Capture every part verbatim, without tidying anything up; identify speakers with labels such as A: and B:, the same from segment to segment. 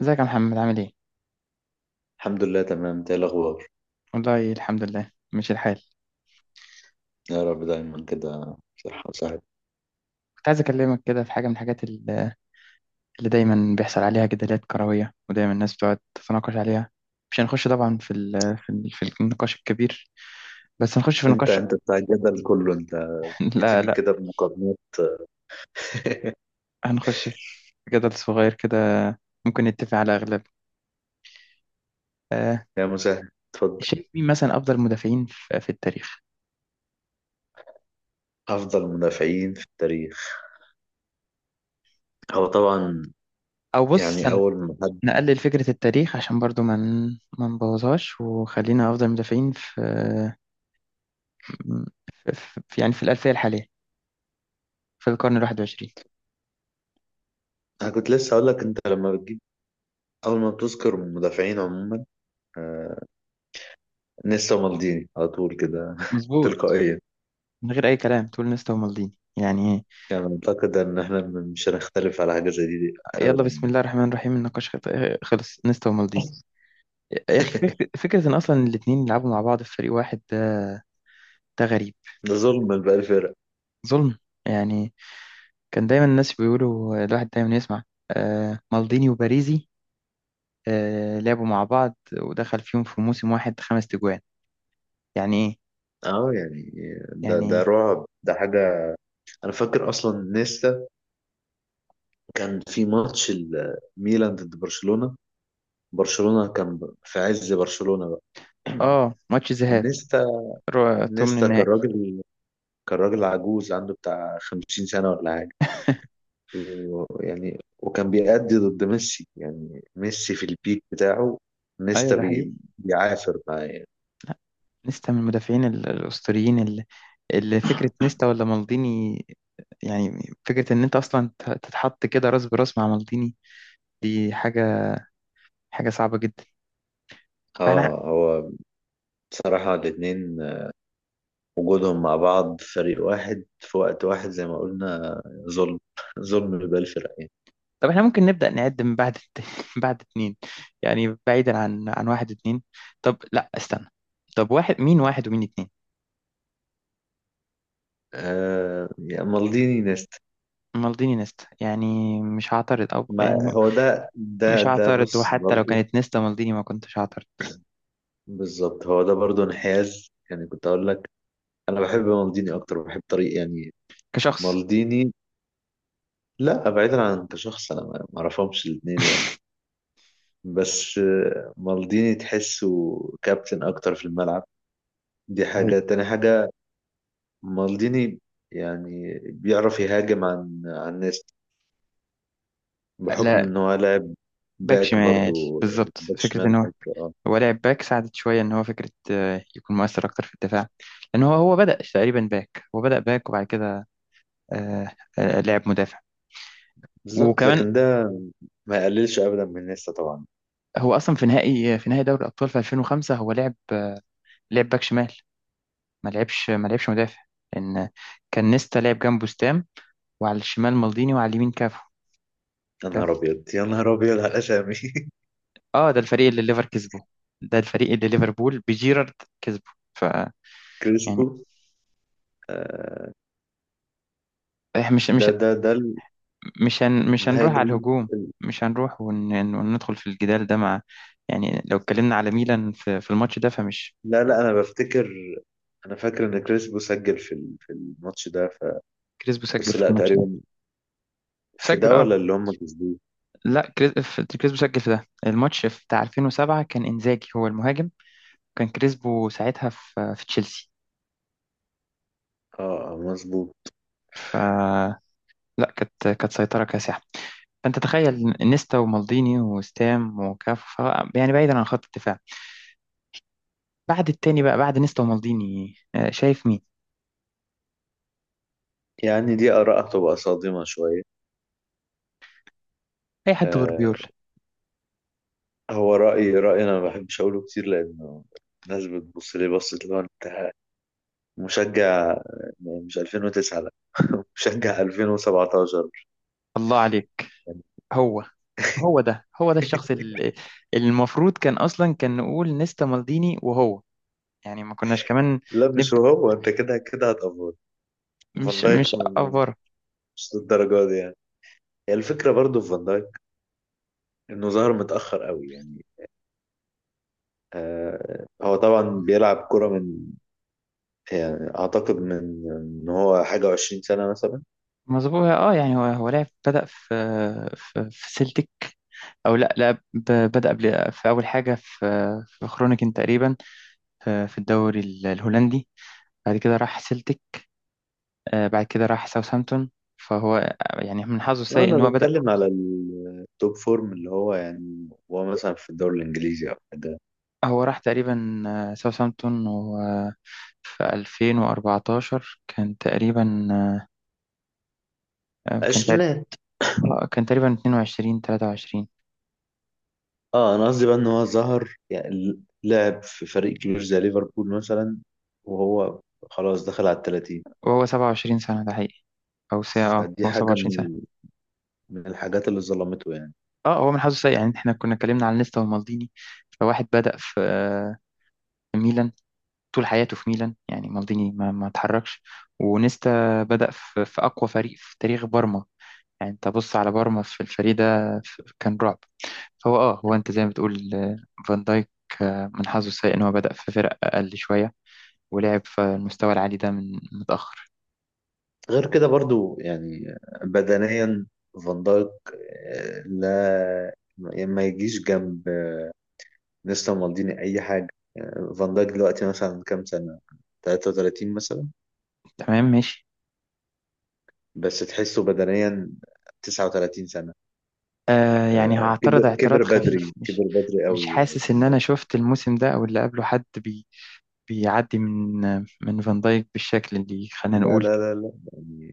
A: ازيك يا محمد، عامل ايه؟
B: الحمد لله تمام. إنت ايه الاخبار؟
A: والله، الحمد لله ماشي الحال.
B: يا رب دايما كده، صحة وسعادة.
A: كنت عايز اكلمك كده في حاجة من الحاجات اللي اللي دايما بيحصل عليها جدالات كروية، ودايما الناس بتقعد تتناقش عليها. مش هنخش طبعا في ال في, ال في النقاش الكبير، بس هنخش في
B: انت
A: نقاش.
B: انت بتاع الجدل كله انت،
A: لا،
B: بتيجي
A: لا،
B: كده بمقارنات.
A: هنخش في جدل صغير كده، ممكن نتفق على اغلب. آه.
B: يا مساعد اتفضل.
A: شايف مين مثلا افضل مدافعين في, في التاريخ؟
B: افضل مدافعين في التاريخ، هو طبعا
A: او بص،
B: يعني
A: أنا
B: اول ما حد
A: نقلل فكرة التاريخ عشان برضو ما من، نبوظهاش، وخلينا افضل مدافعين في، ف- ف- يعني في الألفية الحالية، في القرن الواحد وعشرين.
B: انا كنت لسه اقول لك، انت لما بتجيب اول ما بتذكر مدافعين عموما آه... نيستا مالديني على طول كده
A: مظبوط.
B: تلقائيا.
A: من غير أي كلام تقول نيستا ومالديني، يعني إيه؟
B: يعني اعتقد ان احنا مش هنختلف على حاجه زي دي
A: يلا،
B: ابدا.
A: بسم الله الرحمن الرحيم، النقاش خط- خلص نيستا ومالديني. يا أخي، فك- فكرة إن أصلا الاتنين يلعبوا مع بعض في فريق واحد ده. ده غريب.
B: ده ظلم لباقي الفرق.
A: ظلم، يعني. كان دايما الناس بيقولوا الواحد دايما يسمع آه، مالديني وباريزي، آه، لعبوا مع بعض ودخل فيهم في موسم واحد خمس تجوان، يعني إيه؟
B: اه يعني ده
A: يعني
B: ده
A: إيه؟
B: رعب، ده حاجه. انا فاكر اصلا نيستا كان في ماتش الميلان ضد برشلونة، برشلونة كان في عز برشلونة بقى.
A: آه، ماتش ذهاب.
B: ونيستا،
A: رو- تومن
B: نيستا كان
A: النهائي.
B: راجل، كان راجل عجوز عنده بتاع خمسين سنة ولا حاجة، ويعني وكان بيأدي ضد ميسي، يعني ميسي في البيك بتاعه.
A: أيوة،
B: نيستا
A: ده حقيقي.
B: بي... بيعافر معاه يعني.
A: نيستا من المدافعين ال- الأسطوريين، اللي اللي فكرة نيستا ولا مالديني، يعني فكرة إن أنت أصلا ت- تتحط كده راس براس مع مالديني، دي حاجة، حاجة صعبة جدا. فإحنا،
B: اه هو، بصراحة الاتنين وجودهم مع بعض فريق واحد في وقت واحد زي ما قلنا ظلم، ظلم لباقي الفرق يعني.
A: طب إحنا ممكن نبدأ نعد من بعد الت- بعد اتنين، يعني بعيدا عن عن واحد اتنين. طب لا، استنى، طب واحد مين واحد ومين اتنين؟
B: آه يعني مالديني.
A: مالديني نيستا، يعني مش هعترض، أو
B: ما
A: يعني م-
B: هو ده ده
A: مش
B: ده
A: هعترض،
B: بص
A: وحتى لو
B: برضه،
A: كانت نيستا مالديني ما كنتش هعترض.
B: بالظبط هو ده برضه انحياز. يعني كنت اقول لك انا بحب مالديني اكتر، بحب طريق يعني
A: كشخص.
B: مالديني. لا بعيدا عن كشخص، انا ما ما اعرفهمش الاثنين يعني، بس آه، مالديني تحسه كابتن اكتر في الملعب، دي
A: ده حقيقي.
B: حاجة تاني حاجة. مالديني يعني بيعرف يهاجم عن عن ناس بحكم
A: لا.
B: ان هو لاعب
A: باك
B: باك
A: شمال.
B: برضه،
A: بالظبط،
B: باك
A: فكرة
B: شمال،
A: إن هو،
B: باك اه.
A: هو لعب باك ساعدت شوية إن هو فكرة آه، يكون مؤثر أكتر في الدفاع، لأن هو هو بدأ تقريبا باك، هو بدأ باك وبعد كده آه، آه، لعب مدافع.
B: بالظبط،
A: وكمان،
B: لكن ده ما يقللش ابدا من نيستا طبعا.
A: هو أصلا في نهائي في نهائي دوري الأبطال في ألفين وخمسة هو لعب آه، لعب باك شمال، ما لعبش ما لعبش مدافع. لأن كان نيستا لعب جنبه ستام، وعلى الشمال مالديني وعلى اليمين كافو.
B: يا
A: ده،
B: نهار ابيض، يا نهار ابيض على الاسامي.
A: اه، ده الفريق اللي ليفر كسبه، ده الفريق اللي ليفربول بجيرارد كسبه، ف، يعني،
B: كريسبو،
A: إح- مش
B: ده
A: مش
B: ده ده
A: مش هن... مش
B: النهائي
A: هنروح
B: ده.
A: على الهجوم، مش هنروح ون... وندخل في الجدال ده مع، يعني لو اتكلمنا على ميلان في, في الماتش ده، فمش.
B: لا لا، انا بفتكر، انا فاكر ان كريسبو سجل في ال- في الماتش ده ف...
A: كريسبو سجل
B: بس
A: في
B: لا
A: الماتش ده.
B: تقريبا، في
A: سجل،
B: ده
A: اه.
B: ولا اللي هم كسبوه.
A: لا، كريس... في- كريسبو سجل في ده الماتش في بتاع ألفين وسبعة، كان انزاجي هو المهاجم، كان كريسبو ساعتها في, في تشيلسي.
B: اه آه، مظبوط.
A: ف، لا، كانت كانت سيطرة كاسحة. فانت تخيل نيستا ومالديني وستام وكاف، ف... يعني بعيدا عن خط الدفاع. بعد التاني بقى، بعد نيستا ومالديني، آه، شايف مين؟
B: يعني دي اراء هتبقى صادمه شويه.
A: اي حد غير
B: آه،
A: بيول.
B: هو رايي رايي انا ما بحبش اقوله كتير لانه الناس بتبص لي، بصت اللي هو انت مشجع، يعني مش ألفين وتسعة، لا، مشجع ألفين وسبعة عشر
A: الله عليك.
B: يعني.
A: هو هو ده هو ده الشخص اللي المفروض كان اصلا، كان نقول نيستا مالديني وهو، يعني ما كناش كمان
B: لا مش
A: نبدا،
B: هو، انت كده كده هتقفل. فان
A: مش مش
B: دايك م- م-
A: افور.
B: مش للدرجه دي يعني. هي الفكره برضو في فان دايك انه ظهر متاخر قوي يعني. آه، هو طبعا بيلعب كرة من، يعني اعتقد من، ان هو حاجه وعشرين سنه مثلا.
A: مظبوط. اه، يعني هو هو لعب بدا في في, في سلتك. او لا، لا، ب- بدا قبل في اول حاجه في، في خرونيكن تقريبا، في في الدوري ال- الهولندي، بعد كده راح سلتك، آه، بعد كده راح ساوثهامبتون. فهو يعني من حظه
B: آه
A: السيء
B: انا
A: ان هو بدا.
B: بتكلم على التوب فورم، اللي هو يعني هو مثلا في الدوري الانجليزي او حاجه،
A: هو راح تقريبا آه، ساوثهامبتون في ألفين وأربعتاشر، كان تقريبا، آه، كان تقريبا
B: عشرينات.
A: كان تقريبا اتنين وعشرين تلاتة وعشرين،
B: اه انا قصدي بقى ان هو ظهر، يعني لعب في فريق كبير زي ليفربول مثلا وهو خلاص دخل على التلاتين،
A: وهو سبعة وعشرين سنة، ده حقيقي. أو ساعة، اه،
B: فدي
A: هو
B: حاجه
A: سبعة وعشرين سنة.
B: من من الحاجات اللي ظلمته يعني.
A: اه، هو من حظه سيء. يعني احنا كنا اتكلمنا عن نيستا ومالديني، فواحد بدأ في، آه، في ميلان، طول حياته في ميلان، يعني مالديني ما, ما اتحركش، ونيستا بدأ في, في أقوى فريق في تاريخ بارما، يعني انت بص على بارما في الفريق ده، في- كان رعب. فهو اه هو انت زي ما بتقول آه، فان دايك، آه، من حظه السيء ان هو بدأ في فرق اقل شوية، ولعب في المستوى العالي ده من متأخر.
B: غير كده برضو يعني بدنيا، فان دايك، آه، لا، يعني ما يجيش جنب نيستا مالديني اي حاجه. يعني فان دايك دلوقتي مثلا كام سنه؟ تلاتة وتلاتين مثلا؟
A: تمام، ماشي.
B: بس تحسه بدنيا تسعة وتلاتين سنه.
A: آه، يعني
B: آه،
A: هعترض
B: كبر، كبر
A: اعتراض خفيف.
B: بدري،
A: مش
B: كبر بدري
A: مش
B: قوي
A: حاسس ان
B: فان
A: انا
B: دايك.
A: شفت الموسم ده او اللي قبله حد بي، بيعدي من من فان دايك بالشكل اللي، خلينا
B: لا
A: نقول،
B: لا لا لا يعني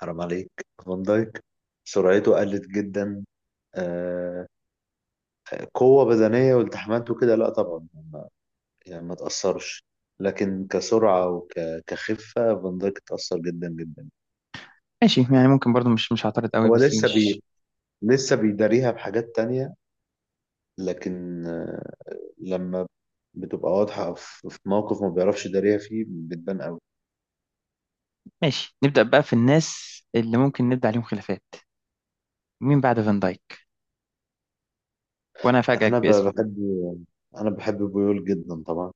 B: حرام عليك، فان دايك سرعته قلت جدا. آه، قوه بدنيه والتحامات وكده لا طبعا، يعني ما تأثرش، لكن كسرعة وكخفة فان دايك اتأثر جدا جدا.
A: ماشي. يعني ممكن برضو مش مش هعترض قوي،
B: هو
A: بس
B: لسه
A: مش.
B: بي لسه بيداريها بحاجات تانية، لكن آه، لما بتبقى واضحة في في موقف ما بيعرفش يداريها فيه بتبان قوي.
A: ماشي، نبدأ بقى في الناس اللي ممكن نبدأ عليهم خلافات. مين بعد فان دايك؟ وانا افاجئك
B: أنا ب-
A: باسم.
B: بحب، أنا بحب بيول جدا طبعا.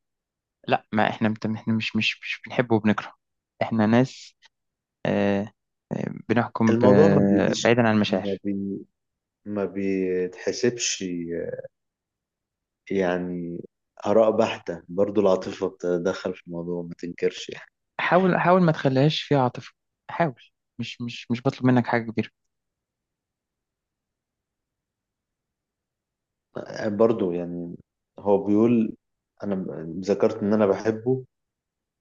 A: لا، ما احنا مت- احنا مش مش مش بنحبه وبنكرهه، احنا ناس، آه، آه، بنحكم ب-
B: الموضوع ما بيجيش،
A: بعيدا عن
B: ما
A: المشاعر.
B: بي ما بيتحسبش يعني، آراء بحتة برضو، العاطفة بتتدخل في الموضوع ما تنكرش يعني.
A: حاول، حاول ما تخليهاش فيها عاطفة، حاول، مش مش مش بطلب منك حاجة كبيرة.
B: برضو يعني هو بيقول، انا م- ذكرت ان انا بحبه،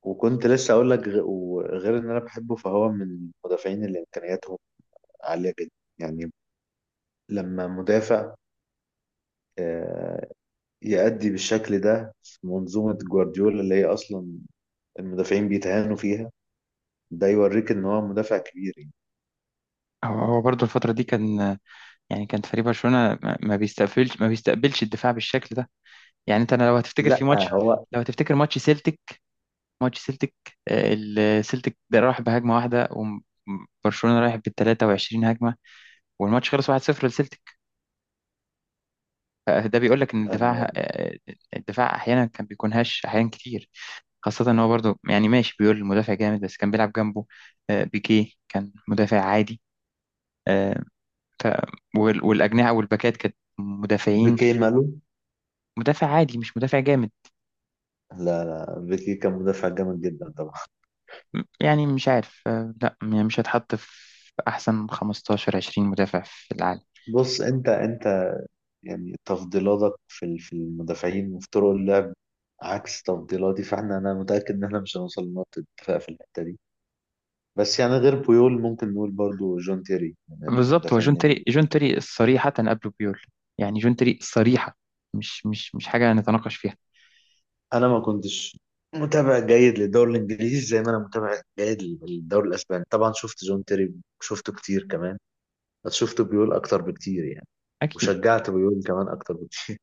B: وكنت لسه اقول لك غ- وغير ان انا بحبه، فهو من المدافعين اللي امكانياتهم عاليه جدا. يعني لما مدافع آه، يأدي بالشكل ده في منظومه جوارديولا اللي هي اصلا المدافعين بيتهانوا فيها، ده يوريك ان هو مدافع كبير يعني.
A: هو هو برضه الفترة دي كان، يعني كان فريق برشلونة ما ما بيستقبلش ما بيستقبلش الدفاع بالشكل ده. يعني انت، أنا لو هتفتكر في
B: لا
A: ماتش،
B: هو
A: لو هتفتكر ماتش سيلتيك، ماتش سيلتيك، آه، السيلتيك ده راح بهجمة واحدة وبرشلونة رايح بال تلاتة وعشرين هجمة، والماتش خلص واحد صفر لسيلتيك. فده بيقول لك ان
B: آه،
A: الدفاع، آه، الدفاع احيانا كان بيكون هش، احيانا كتير. خاصة ان هو، برضو، يعني ماشي، بيقول المدافع جامد، بس كان بيلعب جنبه آه، بيكيه كان مدافع عادي، آه، ف- وال- والأجنحة والباكات كانت مدافعين،
B: بيكي ماله؟
A: مدافع عادي مش مدافع جامد.
B: لا لا، بيكي كان مدافع جامد جدا طبعا.
A: م- يعني مش عارف، آه، لا، يعني مش هتحط في أحسن خمستاشر عشرين مدافع في العالم.
B: بص، انت انت يعني تفضيلاتك في ال- في المدافعين وفي طرق اللعب عكس تفضيلاتي، فاحنا انا متأكد ان احنا مش هنوصل لنقطة اتفاق في الحتة دي. بس يعني غير بويول ممكن نقول برضو جون تيري من
A: بالظبط، هو جون
B: المدافعين
A: تيري.
B: اللي،
A: جون تيري صريحة قبله بيول، يعني جون تيري صريحة، مش مش مش حاجة نتناقش فيها.
B: انا ما كنتش متابع جيد للدوري الانجليزي زي ما انا متابع جيد للدوري الاسباني. طبعا شفت جون تيري، شفته كتير كمان، بس شفت بيول اكتر بكتير يعني،
A: أكيد.
B: وشجعت بيول كمان اكتر بكتير.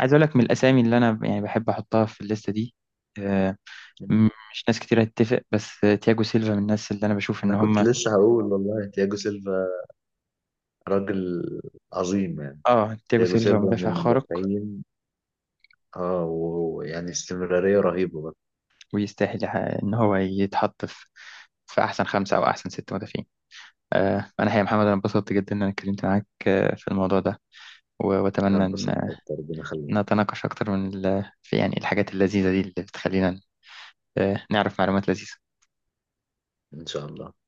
A: عايز أقول لك من الأسامي اللي أنا يعني بحب أحطها في الليستة دي، آه، م- مش ناس كتير هتتفق، بس تياجو سيلفا من الناس اللي انا بشوف ان
B: انا كنت
A: هم،
B: لسه هقول والله تياجو سيلفا راجل عظيم يعني.
A: اه، تياجو
B: تياجو
A: سيلفا
B: سيلفا من
A: مدافع خارق،
B: المدافعين، اه، ويعني استمرارية رهيبة بقى.
A: ويستاهل ح- ان هو يتحط في في احسن خمسة او احسن ست مدافعين. آه، انا يا محمد، انا انبسطت جدا ان انا اتكلمت معاك آه، في الموضوع ده، و- واتمنى
B: هتبسط
A: ان
B: أكتر ربنا يخليك.
A: نتناقش اكتر من ال- في، يعني، الحاجات اللذيذة دي اللي بتخلينا آه، نعرف معلومات لذيذة.
B: إن شاء الله.